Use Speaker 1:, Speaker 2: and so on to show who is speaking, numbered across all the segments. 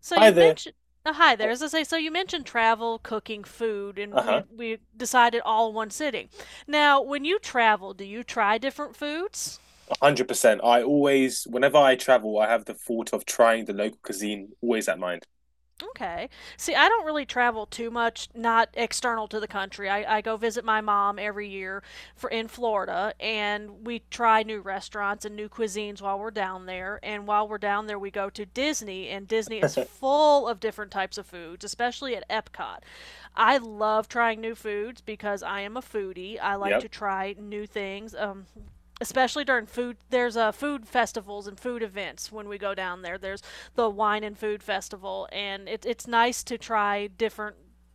Speaker 1: So
Speaker 2: Hi
Speaker 1: you
Speaker 2: there.
Speaker 1: mentioned oh, hi there.
Speaker 2: Oh,
Speaker 1: As I say, so you mentioned travel, cooking, food, and
Speaker 2: uh-huh.
Speaker 1: we decided all in one sitting. Now, when you travel, do you try different foods?
Speaker 2: 100%. I always, whenever I travel, I have the thought of trying the local cuisine always at mind.
Speaker 1: Okay. See, I don't really travel too much, not external to the country. I go visit my mom every year, for in Florida, and we try new restaurants and new cuisines while we're down there. And while we're down there, we go to Disney, and Disney is full of different types of foods, especially at Epcot. I love trying new foods because I am a foodie. I like
Speaker 2: Yep.
Speaker 1: to try new things. Especially during food there's food festivals and food events when we go down there there's the wine and food festival and it's nice to try different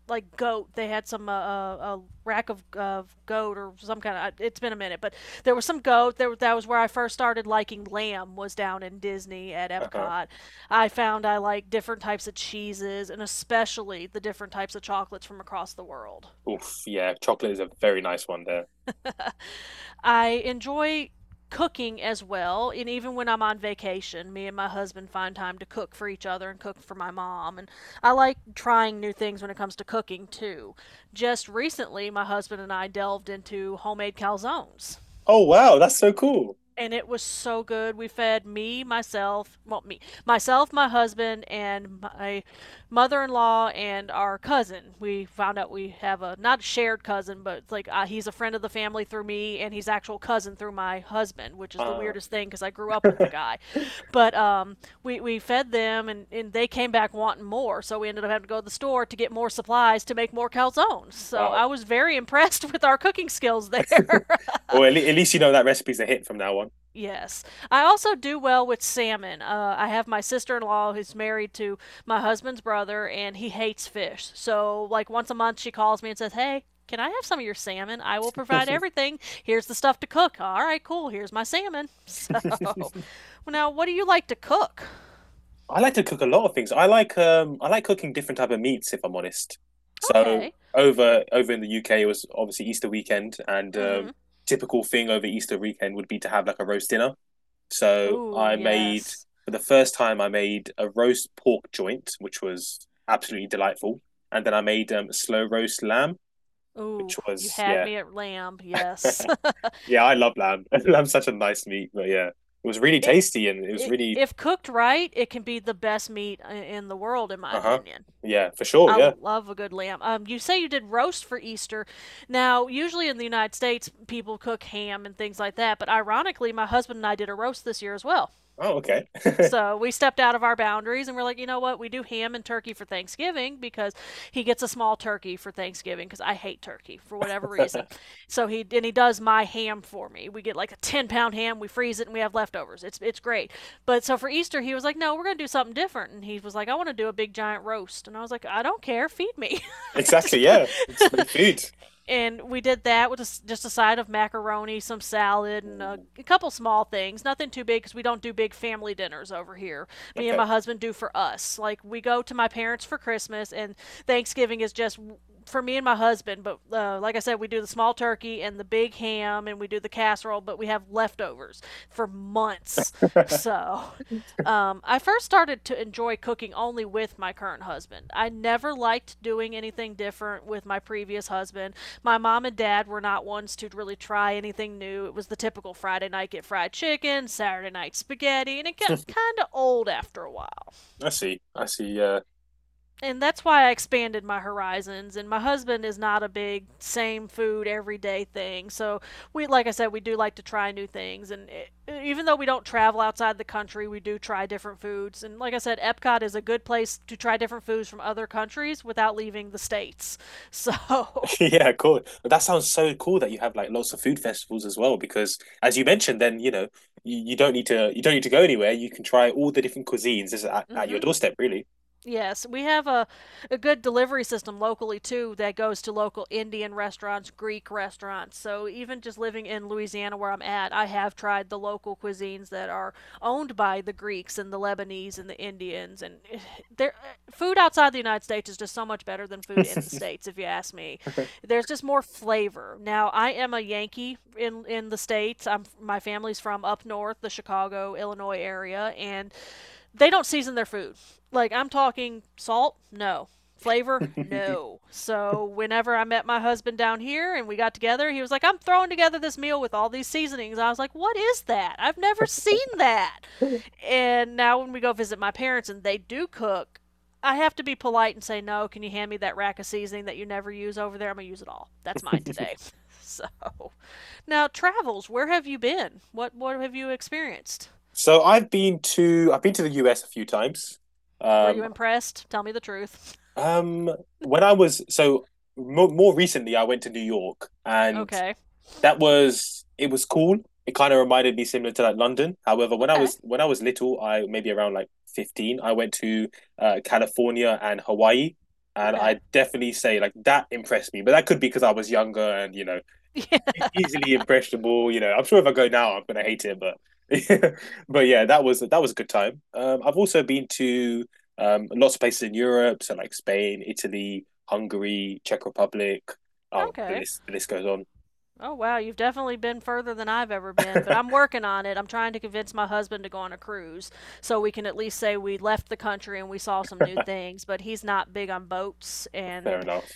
Speaker 1: like goat. They had some a rack of goat or some kind of. It's been a minute, but there was some goat. There that was where I first started liking lamb. Was down in Disney at
Speaker 2: Uh-huh.
Speaker 1: Epcot. I found I like different types of cheeses and especially the different types of chocolates from across the world.
Speaker 2: Oof, yeah, chocolate is a very nice one there.
Speaker 1: I enjoy cooking as well. And even when I'm on vacation, me and my husband find time to cook for each other and cook for my mom. And I like trying new things when it comes to cooking too. Just recently, my husband and I delved into homemade calzones
Speaker 2: Oh, wow, that's so cool.
Speaker 1: and it was so good. We fed me, myself, well, me, myself, my husband, and my mother-in-law and our cousin. We found out we have a not a shared cousin, but it's like he's a friend of the family through me, and he's actual cousin through my husband, which is the
Speaker 2: Ah,
Speaker 1: weirdest thing because I grew up with the guy. But we fed them, and they came back wanting more, so we ended up having to go to the store to get more supplies to make more calzones. So
Speaker 2: wow.
Speaker 1: I was very impressed with our cooking skills there.
Speaker 2: Well, at, le at least you know that recipe's a hit from now
Speaker 1: Yes. I also do well with salmon. I have my sister in law who's married to my husband's brother, and he hates fish. So, like, once a month, she calls me and says, "Hey, can I have some of your salmon? I will provide
Speaker 2: on.
Speaker 1: everything. Here's the stuff to cook." All right, cool. Here's my salmon. So, well, now, what do you like to cook?
Speaker 2: I like to cook a lot of things. I like cooking different type of meats if I'm honest. So
Speaker 1: Okay.
Speaker 2: over in the UK it was obviously Easter weekend and
Speaker 1: Mm
Speaker 2: um
Speaker 1: hmm.
Speaker 2: typical thing over Easter weekend would be to have like a roast dinner. So
Speaker 1: Oh
Speaker 2: I made
Speaker 1: yes.
Speaker 2: for the first time I made a roast pork joint, which was absolutely delightful, and then I made slow roast lamb, which
Speaker 1: Oh, you
Speaker 2: was
Speaker 1: had
Speaker 2: yeah,
Speaker 1: me at lamb. Yes.
Speaker 2: yeah. I love lamb. Lamb's such a nice meat, but yeah, it was really
Speaker 1: it,
Speaker 2: tasty and it was really
Speaker 1: if cooked right, it can be the best meat in the world, in my
Speaker 2: uh huh.
Speaker 1: opinion.
Speaker 2: Yeah, for sure.
Speaker 1: I
Speaker 2: Yeah.
Speaker 1: love a good lamb. You say you did roast for Easter. Now, usually in the United States, people cook ham and things like that, but ironically, my husband and I did a roast this year as well.
Speaker 2: Oh, okay.
Speaker 1: So we stepped out of our boundaries and we're like, you know what? We do ham and turkey for Thanksgiving because he gets a small turkey for Thanksgiving because I hate turkey for whatever reason. So he and he does my ham for me. We get like a 10 pound ham, we freeze it, and we have leftovers. It's great. But so for Easter, he was like, no, we're gonna do something different, and he was like, I want to do a big giant roast, and I was like, I don't care, feed me.
Speaker 2: exactly.
Speaker 1: just put-
Speaker 2: Yeah, it's my food.
Speaker 1: and we did that with a s just a side of macaroni, some salad, and a,
Speaker 2: Mm,
Speaker 1: a couple small things. Nothing too big because we don't do big family dinners over here. Me and my
Speaker 2: okay.
Speaker 1: husband do for us. Like we go to my parents for Christmas, and Thanksgiving is just for me and my husband. But like I said, we do the small turkey and the big ham, and we do the casserole. But we have leftovers for months, so I first started to enjoy cooking only with my current husband. I never liked doing anything different with my previous husband. My mom and dad were not ones to really try anything new. It was the typical Friday night get fried chicken, Saturday night spaghetti, and it got kind of old after a while
Speaker 2: I see. I see. Yeah.
Speaker 1: and that's why I expanded my horizons. And my husband is not a big same food everyday thing. So we, like I said, we do like to try new things. And it, even though we don't travel outside the country, we do try different foods. And like I said, Epcot is a good place to try different foods from other countries without leaving the states. So.
Speaker 2: Yeah, cool. That sounds so cool that you have like lots of food festivals as well, because as you mentioned, then you know you don't need to you don't need to go anywhere. You can try all the different cuisines just at your
Speaker 1: Mm-hmm.
Speaker 2: doorstep, really.
Speaker 1: Yes, we have a good delivery system locally too that goes to local Indian restaurants, Greek restaurants. So even just living in Louisiana where I'm at, I have tried the local cuisines that are owned by the Greeks and the Lebanese and the Indians and there food outside the United States is just so much better than food in the States if you ask me. There's just more flavor. Now, I am a Yankee in the States. I'm My family's from up north, the Chicago, Illinois area and they don't season their food. Like I'm talking salt, no. Flavor, no. So whenever I met my husband down here and we got together, he was like, "I'm throwing together this meal with all these seasonings." I was like, "What is that? I've never seen that." And now when we go visit my parents and they do cook, I have to be polite and say, "No, can you hand me that rack of seasoning that you never use over there? I'm going to use it all. That's mine today." So, now travels, where have you been? What have you experienced?
Speaker 2: So I've been to the US a few times.
Speaker 1: Were
Speaker 2: Um,
Speaker 1: you impressed? Tell me the truth.
Speaker 2: um, when I was so mo more recently, I went to New York, and
Speaker 1: Okay.
Speaker 2: that was it was cool. It kind of reminded me similar to like London. However,
Speaker 1: Okay.
Speaker 2: when I was little, I maybe around like 15, I went to California and Hawaii, and I
Speaker 1: Okay.
Speaker 2: definitely say like that impressed me. But that could be because I was younger and you know
Speaker 1: Yeah.
Speaker 2: e- easily impressionable. You know, I'm sure if I go now, I'm gonna hate it. But but yeah, that was a good time. I've also been to lots of places in Europe, so like Spain, Italy, Hungary, Czech Republic. The
Speaker 1: Okay.
Speaker 2: list goes on.
Speaker 1: Oh wow, you've definitely been further than I've ever been, but I'm working on it. I'm trying to convince my husband to go on a cruise so we can at least say we left the country and we saw some new things, but he's not big on boats
Speaker 2: Fair
Speaker 1: and
Speaker 2: enough.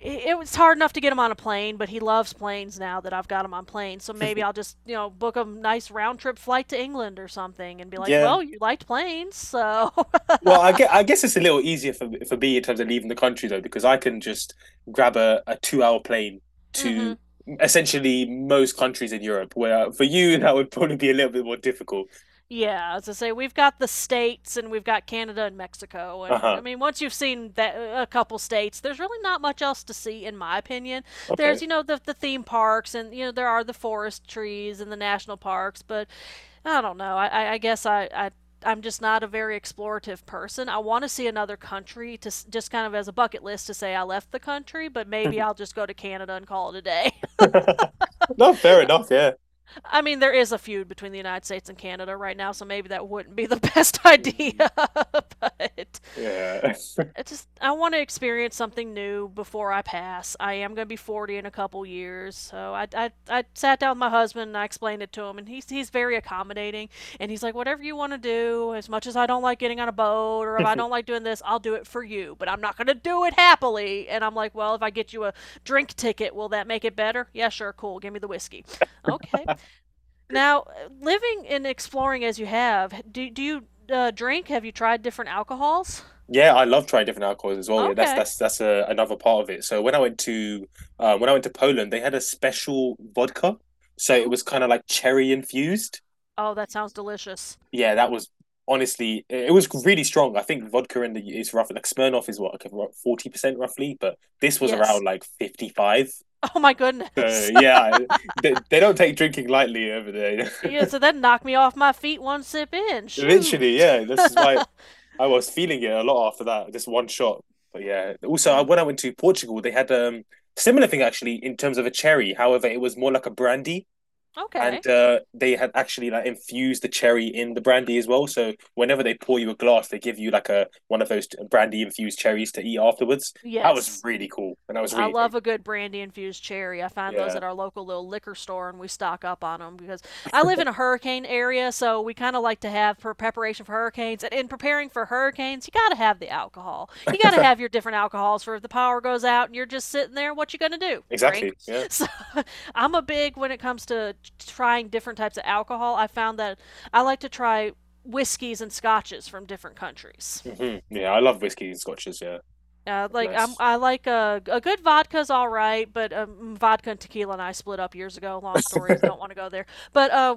Speaker 1: it was hard enough to get him on a plane, but he loves planes now that I've got him on planes. So maybe I'll just, you know, book a nice round trip flight to England or something and be like,
Speaker 2: Yeah.
Speaker 1: "Well, you liked planes, so."
Speaker 2: Well, I get. I guess it's a little easier for me in terms of leaving the country though, because I can just grab a 2 hour plane to
Speaker 1: Mhm.
Speaker 2: essentially most countries in Europe. Where for you that would probably be a little bit more difficult.
Speaker 1: Yeah, as I say, we've got the states and we've got Canada and Mexico,
Speaker 2: Uh
Speaker 1: and I
Speaker 2: huh.
Speaker 1: mean, once you've seen that a couple states, there's really not much else to see, in my opinion. There's you know the theme parks, and you know there are the forest trees and the national parks, but I don't know. I guess I'm just not a very explorative person. I want to see another country to just kind of as a bucket list to say I left the country, but maybe
Speaker 2: Okay.
Speaker 1: I'll just go to Canada and call it a day.
Speaker 2: No, fair enough. Yeah.
Speaker 1: I mean, there is a feud between the United States and Canada right now, so maybe that wouldn't be the best idea.
Speaker 2: Mm,
Speaker 1: But
Speaker 2: yeah.
Speaker 1: I want to experience something new before I pass. I am going to be 40 in a couple years, so I sat down with my husband and I explained it to him, and he's very accommodating, and he's like, whatever you want to do. As much as I don't like getting on a boat, or if I don't like doing this, I'll do it for you, but I'm not going to do it happily. And I'm like, well, if I get you a drink ticket, will that make it better? Yeah, sure, cool. Give me the whiskey. Okay, now, living and exploring as you have, do you drink? Have you tried different alcohols?
Speaker 2: Yeah, I love trying different alcohols as well. Yeah,
Speaker 1: Okay.
Speaker 2: that's a, another part of it. So when I went to when I went to Poland, they had a special vodka. So it
Speaker 1: Ooh.
Speaker 2: was kind of like cherry infused.
Speaker 1: Oh, that sounds delicious.
Speaker 2: Yeah, that was honestly it was really strong. I think vodka in the is roughly Like Smirnoff is what like 40% roughly, but this was around
Speaker 1: Yes.
Speaker 2: like 55.
Speaker 1: Oh my
Speaker 2: So
Speaker 1: goodness.
Speaker 2: yeah, they don't take drinking lightly over there.
Speaker 1: Yeah, so that knocked me off my feet one sip in.
Speaker 2: Literally,
Speaker 1: Shoot.
Speaker 2: yeah. This is why I was feeling it a lot after that, just one shot. But yeah, also
Speaker 1: Yeah.
Speaker 2: when I went to Portugal, they had similar thing actually in terms of a cherry. However, it was more like a brandy. And
Speaker 1: Okay.
Speaker 2: they had actually like infused the cherry in the brandy as well. So whenever they pour you a glass, they give you like a one of those brandy infused cherries to eat afterwards. That was
Speaker 1: Yes.
Speaker 2: really cool, and that was
Speaker 1: I
Speaker 2: really tasty.
Speaker 1: love a good brandy infused cherry. I find those
Speaker 2: Yeah,
Speaker 1: at our local little liquor store and we stock up on them because I live in a hurricane area, so we kind of like to have for preparation for hurricanes. And in preparing for hurricanes, you got to have the alcohol. You got to have your different alcohols for if the power goes out and you're just sitting there, what you going to do? Drink.
Speaker 2: exactly. Yeah,
Speaker 1: So I'm a big when it comes to trying different types of alcohol. I found that I like to try whiskeys and scotches from different countries.
Speaker 2: hmm yeah. I love whiskey and scotches. Yeah,
Speaker 1: Like
Speaker 2: nice.
Speaker 1: I like a good vodka's all right, but vodka and tequila and I split up years ago. Long stories, don't want to go there. But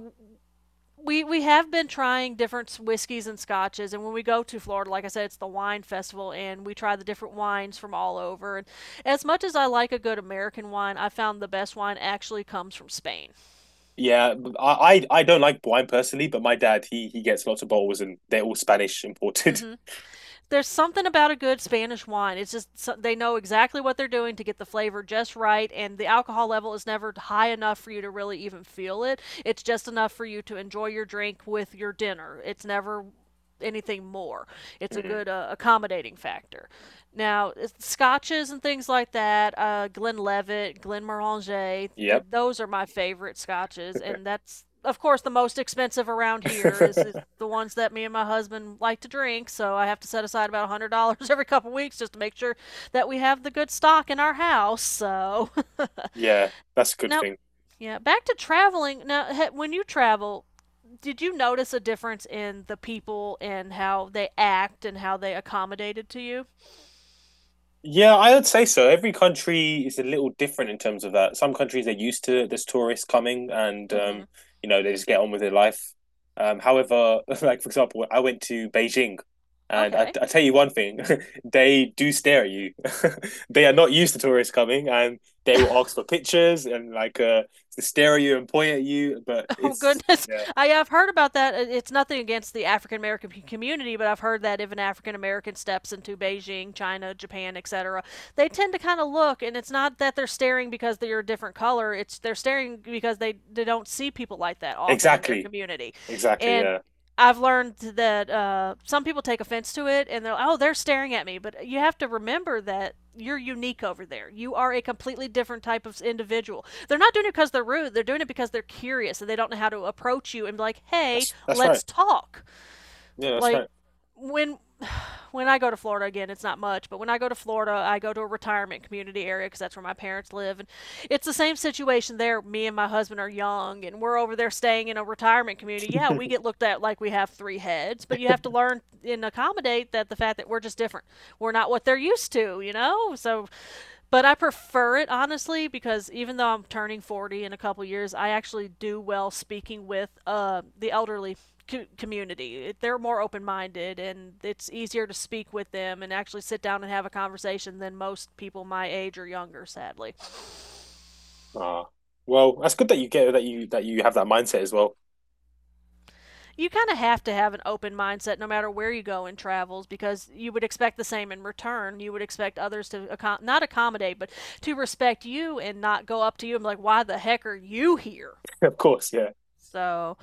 Speaker 1: We have been trying different whiskeys and scotches, and when we go to Florida, like I said, it's the wine festival, and we try the different wines from all over. And as much as I like a good American wine, I found the best wine actually comes from Spain.
Speaker 2: Yeah, I don't like wine personally, but my dad he gets lots of bottles, and they're all Spanish imported.
Speaker 1: Mm-hmm. There's something about a good Spanish wine. It's just so, they know exactly what they're doing to get the flavor just right, and the alcohol level is never high enough for you to really even feel it. It's just enough for you to enjoy your drink with your dinner. It's never anything more. It's a
Speaker 2: Mm.
Speaker 1: good accommodating factor. Now, scotches and things like that, Glenlivet, Glenmorangie, they
Speaker 2: Yep.
Speaker 1: those are my favorite scotches, and that's of course the most expensive around here is the ones that me and my husband like to drink. So I have to set aside about $100 every couple weeks just to make sure that we have the good stock in our house. So
Speaker 2: yeah, that's a good
Speaker 1: now,
Speaker 2: thing.
Speaker 1: yeah, back to traveling. Now, when you travel, did you notice a difference in the people and how they act and how they accommodated to you?
Speaker 2: Yeah, I would say so. Every country is a little different in terms of that. Some countries are used to this tourist coming and
Speaker 1: Mm-hmm.
Speaker 2: you know, they just get on with their life. However, like for example, I went to Beijing and
Speaker 1: Okay.
Speaker 2: I tell you one thing, they do stare at you. They are not used to tourists coming and they will ask for pictures and like to stare at you and point at you, but
Speaker 1: Oh
Speaker 2: it's
Speaker 1: goodness.
Speaker 2: yeah.
Speaker 1: I have heard about that. It's nothing against the African American community, but I've heard that if an African American steps into Beijing, China, Japan, etc., they tend to kind of look, and it's not that they're staring because they're a different color, it's they're staring because they don't see people like that often in their
Speaker 2: Exactly.
Speaker 1: community.
Speaker 2: Exactly,
Speaker 1: And
Speaker 2: yeah.
Speaker 1: I've learned that some people take offense to it and they're, oh, they're staring at me, but you have to remember that you're unique over there. You are a completely different type of individual. They're not doing it because they're rude, they're doing it because they're curious and they don't know how to approach you and be like, hey,
Speaker 2: That's right.
Speaker 1: let's talk.
Speaker 2: Yeah, that's
Speaker 1: Like
Speaker 2: right.
Speaker 1: when I go to Florida again, it's not much, but when I go to Florida, I go to a retirement community area because that's where my parents live, and it's the same situation there. Me and my husband are young, and we're over there staying in a retirement community. Yeah, we get looked at like we have three heads, but you have to learn and accommodate that the fact that we're just different. We're not what they're used to, you know. So but I prefer it honestly because even though I'm turning 40 in a couple years, I actually do well speaking with the elderly community. It- They're more open minded and it's easier to speak with them and actually sit down and have a conversation than most people my age or younger, sadly.
Speaker 2: Ah, well, that's good that you get that you have that mindset as well.
Speaker 1: You kind of have to have an open mindset no matter where you go in travels because you would expect the same in return. You would expect others to not accommodate, but to respect you and not go up to you and be like, why the heck are you here?
Speaker 2: Of course, yeah,
Speaker 1: So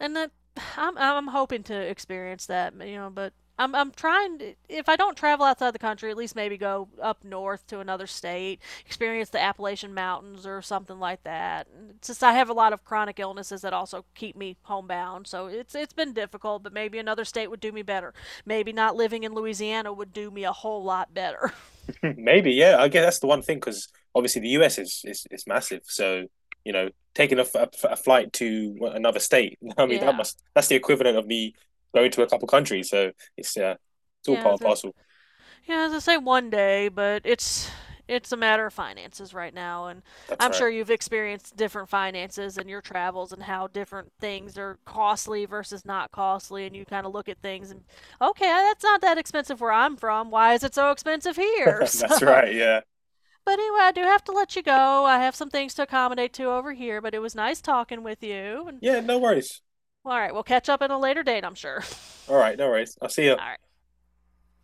Speaker 1: and that I'm hoping to experience that, you know, but I'm trying to, if I don't travel outside the country, at least maybe go up north to another state, experience the Appalachian Mountains or something like that. And it's I have a lot of chronic illnesses that also keep me homebound, so it's been difficult, but maybe another state would do me better. Maybe not living in Louisiana would do me a whole lot better.
Speaker 2: maybe, yeah. I guess that's the one thing because obviously the US is is massive. So you know, taking a, f- a f- a flight to another state, I mean, that
Speaker 1: Yeah.
Speaker 2: must that's the equivalent of me going to a couple countries. So it's yeah, it's all
Speaker 1: Yeah,
Speaker 2: part and
Speaker 1: it's just,
Speaker 2: parcel.
Speaker 1: Yeah, as I say, one day, but it's a matter of finances right now, and
Speaker 2: That's
Speaker 1: I'm
Speaker 2: right.
Speaker 1: sure you've experienced different finances in your travels and how different things are costly versus not costly, and you kind of look at things and okay, that's not that expensive where I'm from. Why is it so expensive here?
Speaker 2: That's
Speaker 1: So,
Speaker 2: right. Yeah.
Speaker 1: but anyway, I do have to let you go. I have some things to accommodate to over here, but it was nice talking with you. And
Speaker 2: Yeah. No worries.
Speaker 1: all right, we'll catch up at a later date, I'm sure.
Speaker 2: All right. No worries. I'll see you.
Speaker 1: All right.